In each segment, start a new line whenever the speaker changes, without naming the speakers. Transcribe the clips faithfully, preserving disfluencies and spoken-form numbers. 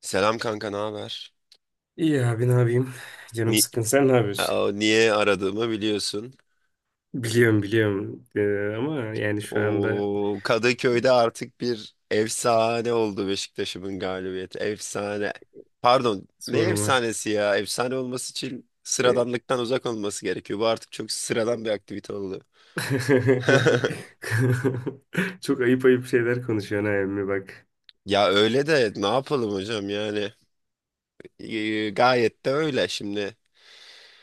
Selam kanka, ne haber?
İyi abi ne yapayım? Canım
Ni-
sıkkın. Sen ne yapıyorsun?
Aa, niye aradığımı biliyorsun.
Biliyorum biliyorum. Ee, ama yani şu anda
O Kadıköy'de artık bir efsane oldu Beşiktaş'ımın galibiyeti. Efsane. Pardon, ne
sorma.
efsanesi ya? Efsane olması için
Ee,
sıradanlıktan uzak olması gerekiyor. Bu artık çok sıradan bir aktivite oldu.
Çok ayıp ayıp şeyler konuşuyorsun ha emmi bak.
Ya öyle de ne yapalım hocam yani. Ee, gayet de öyle şimdi.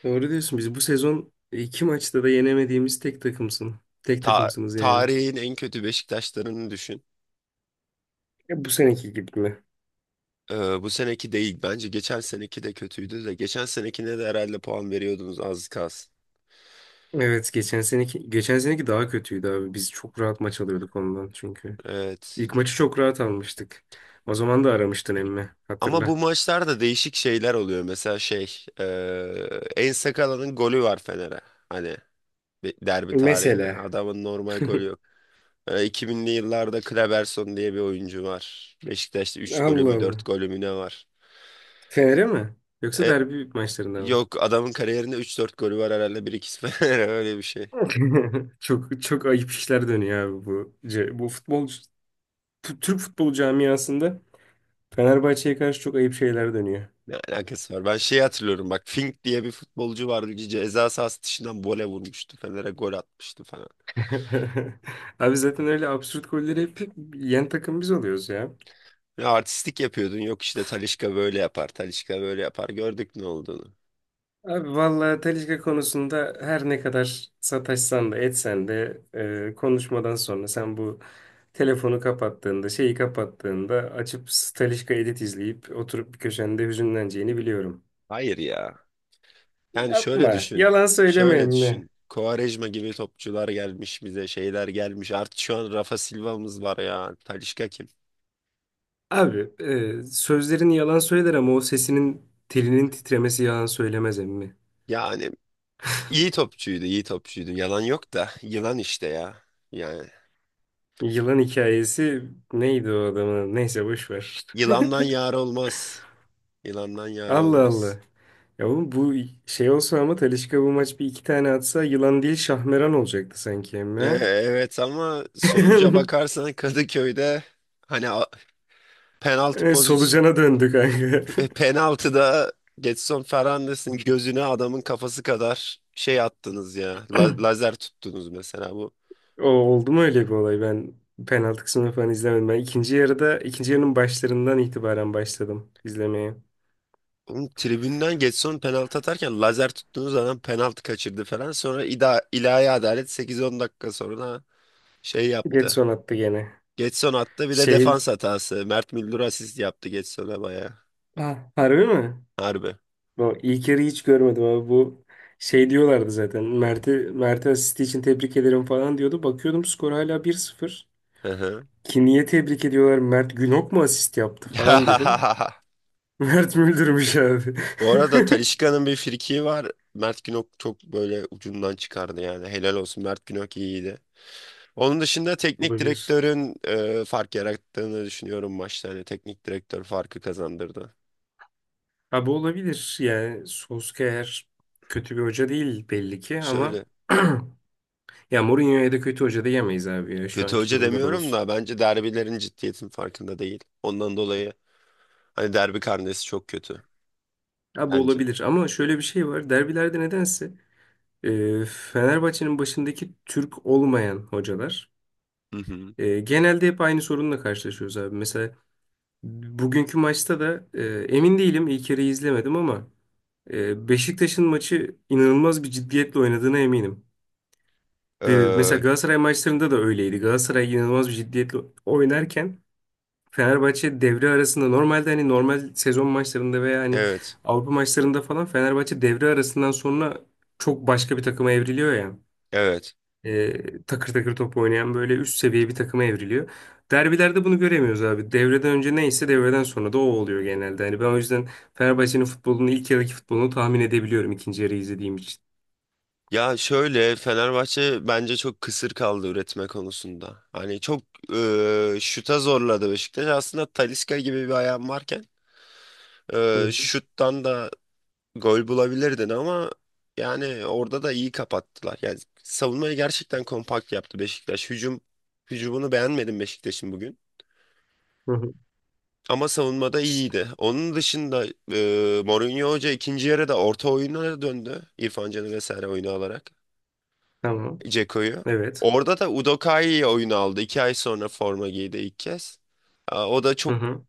Doğru diyorsun. Biz bu sezon iki maçta da yenemediğimiz tek takımsın. Tek
ta-
takımsınız yani.
Tarihin en kötü Beşiktaşlarını düşün.
E, bu seneki gibi mi?
Ee, bu seneki değil. Bence geçen seneki de kötüydü de. Geçen senekine de herhalde puan veriyordunuz az kalsın.
Evet geçen seneki geçen seneki daha kötüydü abi. Biz çok rahat maç alıyorduk ondan çünkü.
Evet.
İlk maçı çok rahat almıştık. O zaman da aramıştın emmi
Ama bu
hatırla.
maçlarda değişik şeyler oluyor. Mesela şey, eee En Sakala'nın golü var Fener'e. Hani bir derbi tarihinde.
Mesela.
Adamın normal golü yok. Ee, iki binli yıllarda Kleberson diye bir oyuncu var. Beşiktaş'ta üç golü
Allah
mü dört
Allah.
golü mü ne var?
Fener'e mi? Yoksa
E,
derbi maçlarında mı?
Yok, adamın kariyerinde üç dört golü var herhalde. Bir iki Fener'e, öyle bir şey.
Çok çok ayıp işler dönüyor abi bu. ce- Bu futbol T- Türk futbol camiasında Fenerbahçe'ye karşı çok ayıp şeyler dönüyor.
Ne alakası var? Ben şeyi hatırlıyorum bak, Fink diye bir futbolcu vardı. Ceza sahası dışından vole vurmuştu. Fener'e gol atmıştı falan.
Abi zaten öyle absürt golleri hep yen takım biz oluyoruz ya.
Ya artistlik yapıyordun. Yok işte Talisca böyle yapar. Talisca böyle yapar. Gördük ne olduğunu.
Abi vallahi Talişka konusunda her ne kadar sataşsan da etsen de e, konuşmadan sonra sen bu telefonu kapattığında şeyi kapattığında açıp Talişka edit izleyip oturup bir köşende hüzünleneceğini biliyorum.
Hayır ya. Yani şöyle
Yapma.
düşün.
Yalan söyleme
Şöyle
mi?
düşün. Quaresma gibi topçular gelmiş bize. Şeyler gelmiş. Artık şu an Rafa Silva'mız var ya. Talisca kim?
Abi e, sözlerini yalan söyler ama o sesinin telinin titremesi yalan söylemez emmi.
Yani iyi topçuydu. İyi topçuydu. Yalan yok da. Yılan işte ya. Yani
Yılan hikayesi neydi o adamın? Neyse boş ver.
yılandan yar olmaz. Yılandan yar
Allah
olmaz.
Allah. Ya oğlum bu şey olsa ama Talisca bu maç bir iki tane atsa yılan değil şahmeran olacaktı sanki
E,
emme.
evet ama sonuca bakarsan Kadıköy'de, hani a- penaltı
E,
pozisyon,
Solucana döndük kanka.
e, penaltıda Getson Fernandes'in gözüne adamın kafası kadar şey attınız ya. La- lazer tuttunuz mesela bu.
O oldu mu öyle bir olay? Ben penaltı kısmını falan izlemedim. Ben ikinci yarıda ikinci yarının başlarından itibaren başladım izlemeye.
Oğlum tribünden Getson penaltı atarken lazer tuttunuz, adam penaltı kaçırdı falan. Sonra ida ilahi adalet sekiz on dakika sonra şey yaptı.
Getson attı gene.
Getson attı bir de
Şey,
defans hatası. Mert Müldür asist yaptı Getson'a bayağı.
ha, harbi mi?
Harbi.
Bu ilk yarıyı hiç görmedim abi bu şey diyorlardı zaten. Mert'i Mert'e asisti için tebrik ederim falan diyordu. Bakıyordum skor hala bir sıfır.
Hı hı.
Ki niye tebrik ediyorlar? Mert Günok mu asist yaptı falan dedim. Mert Müldürmüş abi.
Bu arada Talisca'nın bir frikiği var. Mert Günok çok böyle ucundan çıkardı yani. Helal olsun, Mert Günok iyiydi. Onun dışında teknik
Olabilir.
direktörün e, fark yarattığını düşünüyorum maçta. Hani teknik direktör farkı kazandırdı.
Abi olabilir. Yani Solskjaer kötü bir hoca değil belli ki ama
Şöyle,
ya Mourinho'ya da kötü hoca diyemeyiz abi ya şu
kötü
anki
hoca
durumda da
demiyorum
olsun.
da bence derbilerin ciddiyetin farkında değil. Ondan dolayı hani derbi karnesi çok kötü
Abi
bence.
olabilir ama şöyle bir şey var. Derbilerde nedense e, Fenerbahçe'nin başındaki Türk olmayan hocalar
Hı hı.
e, genelde hep aynı sorunla karşılaşıyoruz abi. Mesela bugünkü maçta da e, emin değilim ilk yarıyı izlemedim ama Ee, Beşiktaş'ın maçı inanılmaz bir ciddiyetle oynadığına eminim. Ee, Mesela
Ee,
Galatasaray maçlarında da öyleydi. Galatasaray inanılmaz bir ciddiyetle oynarken Fenerbahçe devre arasında normalde hani normal sezon maçlarında veya hani
evet.
Avrupa maçlarında falan Fenerbahçe devre arasından sonra çok başka bir takıma evriliyor ya.
Evet.
Ee, takır takır top oynayan böyle üst seviye bir takıma evriliyor. Derbilerde bunu göremiyoruz abi. Devreden önce neyse devreden sonra da o oluyor genelde. Hani ben o yüzden Fenerbahçe'nin futbolunu ilk yarıdaki futbolunu tahmin edebiliyorum ikinci yarı izlediğim için.
Ya şöyle, Fenerbahçe bence çok kısır kaldı üretme konusunda. Hani çok e, şuta zorladı Beşiktaş. Aslında Talisca gibi bir ayağın varken
Hı hı.
e, şuttan da gol bulabilirdin ama yani orada da iyi kapattılar. Yani savunmayı gerçekten kompakt yaptı Beşiktaş. Hücum hücumunu beğenmedim Beşiktaş'ın bugün.
Hı hı.
Ama savunmada iyiydi. Onun dışında e, Mourinho Hoca ikinci yarıda orta oyuna döndü. İrfan Can'ı vesaire oyunu alarak.
Tamam.
Dzeko'yu.
Evet.
Orada da Udokai'yi oyun aldı. İki ay sonra forma giydi ilk kez. Aa, O da
Hı
çok,
hı.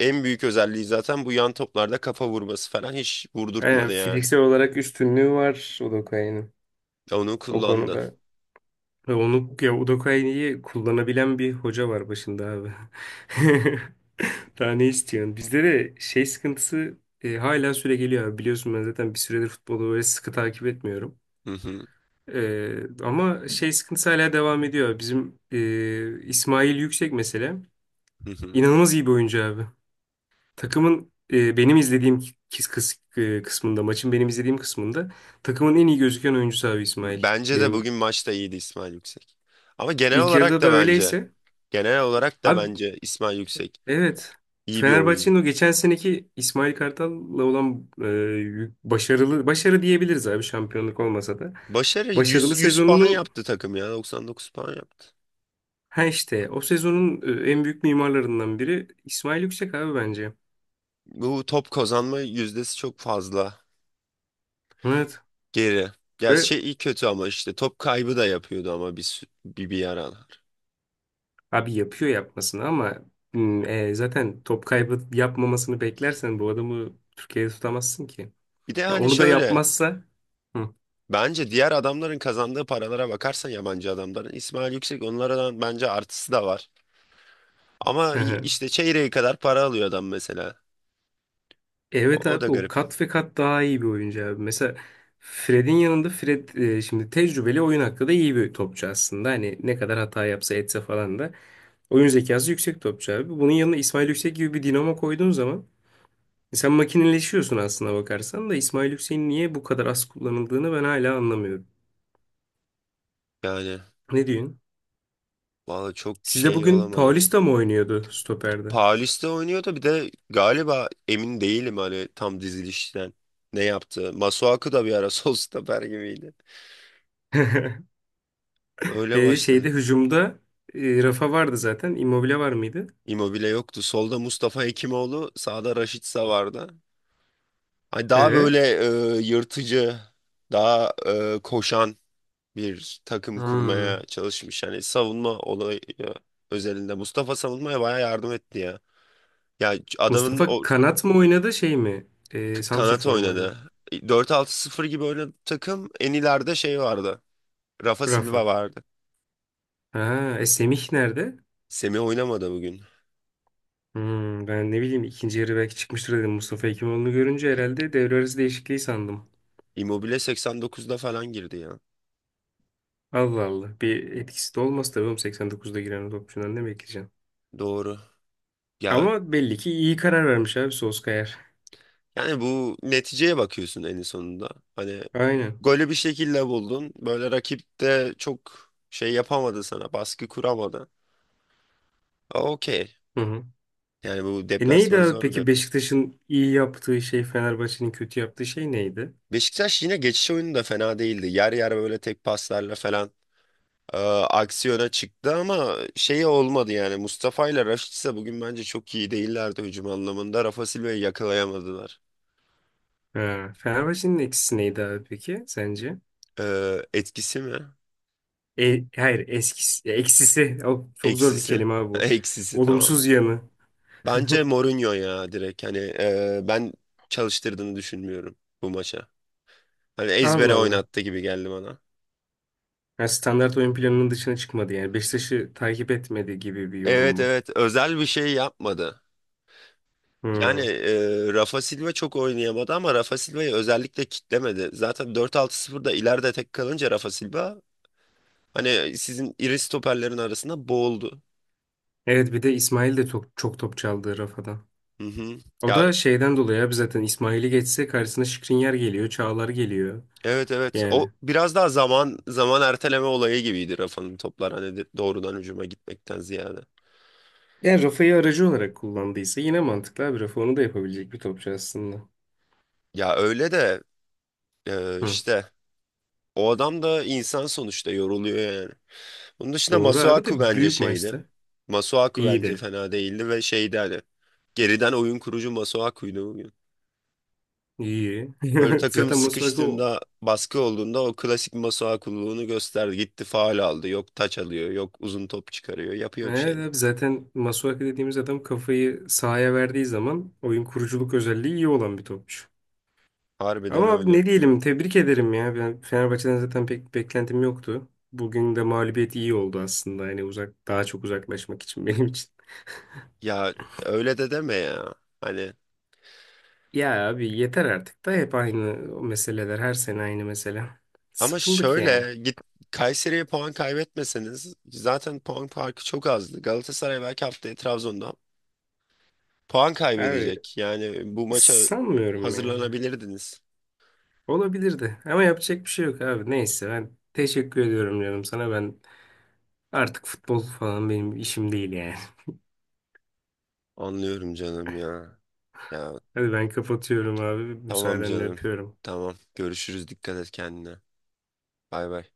en büyük özelliği zaten bu, yan toplarda kafa vurması falan hiç
Aynen
vurdurtmadı yani.
fiziksel olarak üstünlüğü var Udokai'nin
Onu
o
kullandı.
konuda. Ve onu ya Udokai'yi kullanabilen bir hoca var başında abi. Daha ne istiyorsun? Bizde de şey sıkıntısı e, hala süre geliyor abi. Biliyorsun ben zaten bir süredir futbolu böyle sıkı takip etmiyorum.
Hı hı,
E, ama şey sıkıntısı hala devam ediyor. Bizim e, İsmail Yüksek mesela
hı hı.
inanılmaz iyi bir oyuncu abi. Takımın e, benim izlediğim kis, kıs- e, kısmında, maçın benim izlediğim kısmında takımın en iyi gözüken oyuncusu abi İsmail.
Bence de
Benim
bugün maçta iyiydi İsmail Yüksek. Ama genel
ilk
olarak
yarıda da
da bence,
öyleyse.
genel olarak da
Abi
bence İsmail Yüksek
evet.
iyi bir oyuncu.
Fenerbahçe'nin o geçen seneki İsmail Kartal'la olan e, yük- başarılı, başarı diyebiliriz abi şampiyonluk olmasa da.
Başarı yüz,
Başarılı
yüz puan
sezonunun,
yaptı takım ya, doksan dokuz puan yaptı.
ha işte o sezonun e, en büyük mimarlarından biri İsmail Yüksek abi bence.
Bu top kazanma yüzdesi çok fazla.
Evet.
Geri. Ya
Ve
şey iyi kötü ama işte top kaybı da yapıyordu ama bir, sü- bir, bir aralar.
abi yapıyor yapmasını ama hmm, e, zaten top kaybı yapmamasını beklersen bu adamı Türkiye'de tutamazsın ki.
Bir de
Ya
hani
onu da
şöyle,
yapmazsa. Hı.
bence diğer adamların kazandığı paralara bakarsan yabancı adamların, İsmail Yüksek onlardan bence artısı da var. Ama i-
Hı.
işte çeyreği kadar para alıyor adam mesela.
Evet
O, o da
abi o
garip.
kat ve kat daha iyi bir oyuncu abi. Mesela Fred'in yanında Fred e, şimdi tecrübeli oyun hakkı da iyi bir topçu aslında. Hani ne kadar hata yapsa etse falan da oyun zekası yüksek topçu abi. Bunun yanına İsmail Yüksek gibi bir dinamo koyduğun zaman e, sen makineleşiyorsun aslına bakarsan da İsmail Yüksek'in niye bu kadar az kullanıldığını ben hala anlamıyorum.
Yani
Ne diyorsun?
valla çok
Sizde
şey
bugün
olamadım.
Paulista mı oynuyordu stoperde?
Paulista oynuyordu bir de galiba, emin değilim hani tam dizilişten ne yaptı. Masuaku da bir ara sol stoper gibiydi. Öyle
E,
başladı.
şeyde hücumda e, Rafa vardı zaten. Immobile var mıydı?
Immobile yoktu. Solda Mustafa Hekimoğlu, sağda Raşitsa vardı. Hani daha böyle
E,
e, yırtıcı, daha e, koşan bir takım
hmm.
kurmaya çalışmış. Hani savunma olayı özelinde. Mustafa savunmaya bayağı yardım etti ya. Ya adamın
Mustafa
o
kanat mı oynadı şey mi?
k-
E,
kanat
santrafor mu oynadı?
oynadı. Dört altı sıfır gibi oynadı takım. En ileride şey vardı. Rafa Silva
Rafa.
vardı.
Ha, e, Semih nerede?
Semih oynamadı bugün.
Hmm, ben ne bileyim ikinci yarı belki çıkmıştır dedim. Mustafa Hekimoğlu'nu görünce herhalde devre arası değişikliği sandım.
Immobile seksen dokuzda falan girdi ya.
Allah Allah. Bir etkisi de olmaz tabii oğlum seksen dokuzda giren o topçudan ne bekleyeceksin?
Doğru. Ya
Ama belli ki iyi karar vermiş abi Solskjaer.
Yani bu neticeye bakıyorsun en sonunda. Hani
Aynen.
golü bir şekilde buldun. Böyle rakip de çok şey yapamadı sana. Baskı kuramadı. Aa, Okey.
Hı hı.
Yani bu
E neydi
deplasman
abi
zor bir
peki
deplasman.
Beşiktaş'ın iyi yaptığı şey Fenerbahçe'nin kötü yaptığı şey neydi?
Beşiktaş yine geçiş oyunu da fena değildi. Yer yer böyle tek paslarla falan e, aksiyona çıktı ama şey olmadı yani. Mustafa ile Raşit ise bugün bence çok iyi değillerdi hücum anlamında. Rafa Silva'yı yakalayamadılar.
Ha, Fenerbahçe'nin eksisi neydi abi peki sence?
E, etkisi mi?
E, hayır eskisi, eksisi o, çok zor bir
Eksisi.
kelime abi bu.
Eksisi tamam.
Olumsuz yanı.
Bence Mourinho ya direkt, hani e, ben çalıştırdığını düşünmüyorum bu maça. Hani
Allah
ezbere
Allah.
oynattı gibi geldi bana.
Ha, standart oyun planının dışına çıkmadı yani. Beşiktaş'ı takip etmedi gibi bir yorum
Evet
mu?
evet, özel bir şey yapmadı. Yani
Hmm.
e, Rafa Silva çok oynayamadı ama Rafa Silva'yı özellikle kitlemedi. Zaten dört altı sıfırda ileride tek kalınca Rafa Silva hani sizin iri stoperlerin arasında boğuldu.
Evet bir de İsmail de çok, çok top çaldı Rafa'dan.
Hı hı.
O
Ya
da şeyden dolayı abi zaten İsmail'i geçse karşısına Şikrinyar geliyor, Çağlar geliyor.
evet evet,
Yani.
o biraz daha zaman zaman erteleme olayı gibiydi Rafa'nın toplar, hani de- doğrudan hücuma gitmekten ziyade.
Yani rafayı aracı olarak kullandıysa yine mantıklı abi. Rafa onu da yapabilecek bir topçu aslında.
Ya öyle de Ee,
Hı.
işte o adam da insan sonuçta, yoruluyor yani. Bunun dışında
Doğru abi
Masuaku
de
bence
büyük
şeydi.
maçta
Masuaku bence
iyiydi.
fena değildi ve şeydi, hani geriden oyun kurucu Masuaku'ydu bugün.
İyi.
Böyle takım
Zaten Masuaku o-
sıkıştığında baskı olduğunda o klasik Masuaku'luğunu gösterdi. Gitti faul aldı. Yok taç alıyor. Yok uzun top çıkarıyor. Yapıyor bir
Evet abi
şeyler.
zaten Masuaku dediğimiz adam kafayı sahaya verdiği zaman oyun kuruculuk özelliği iyi olan bir topçu.
Harbiden
Ama abi
öyle.
ne diyelim tebrik ederim ya. Ben Fenerbahçe'den zaten pek beklentim yoktu. Bugün de mağlubiyet iyi oldu aslında. Yani uzak daha çok uzaklaşmak için benim için.
Ya öyle de deme ya. Hani.
Ya abi yeter artık da hep aynı o meseleler. Her sene aynı mesele.
Ama
Sıkıldık yani.
şöyle, git Kayseri'ye puan kaybetmeseniz zaten puan farkı çok azdı. Galatasaray belki haftaya Trabzon'da puan
Abi
kaybedecek. Yani bu maça
sanmıyorum ya.
hazırlanabilirdiniz.
Olabilirdi ama yapacak bir şey yok abi. Neyse ben teşekkür ediyorum canım sana. Ben artık futbol falan benim işim değil yani.
Anlıyorum canım ya. Ya
Hadi ben kapatıyorum abi.
tamam
Müsaadenle
canım.
öpüyorum.
Tamam. Görüşürüz. Dikkat et kendine. Bay bay.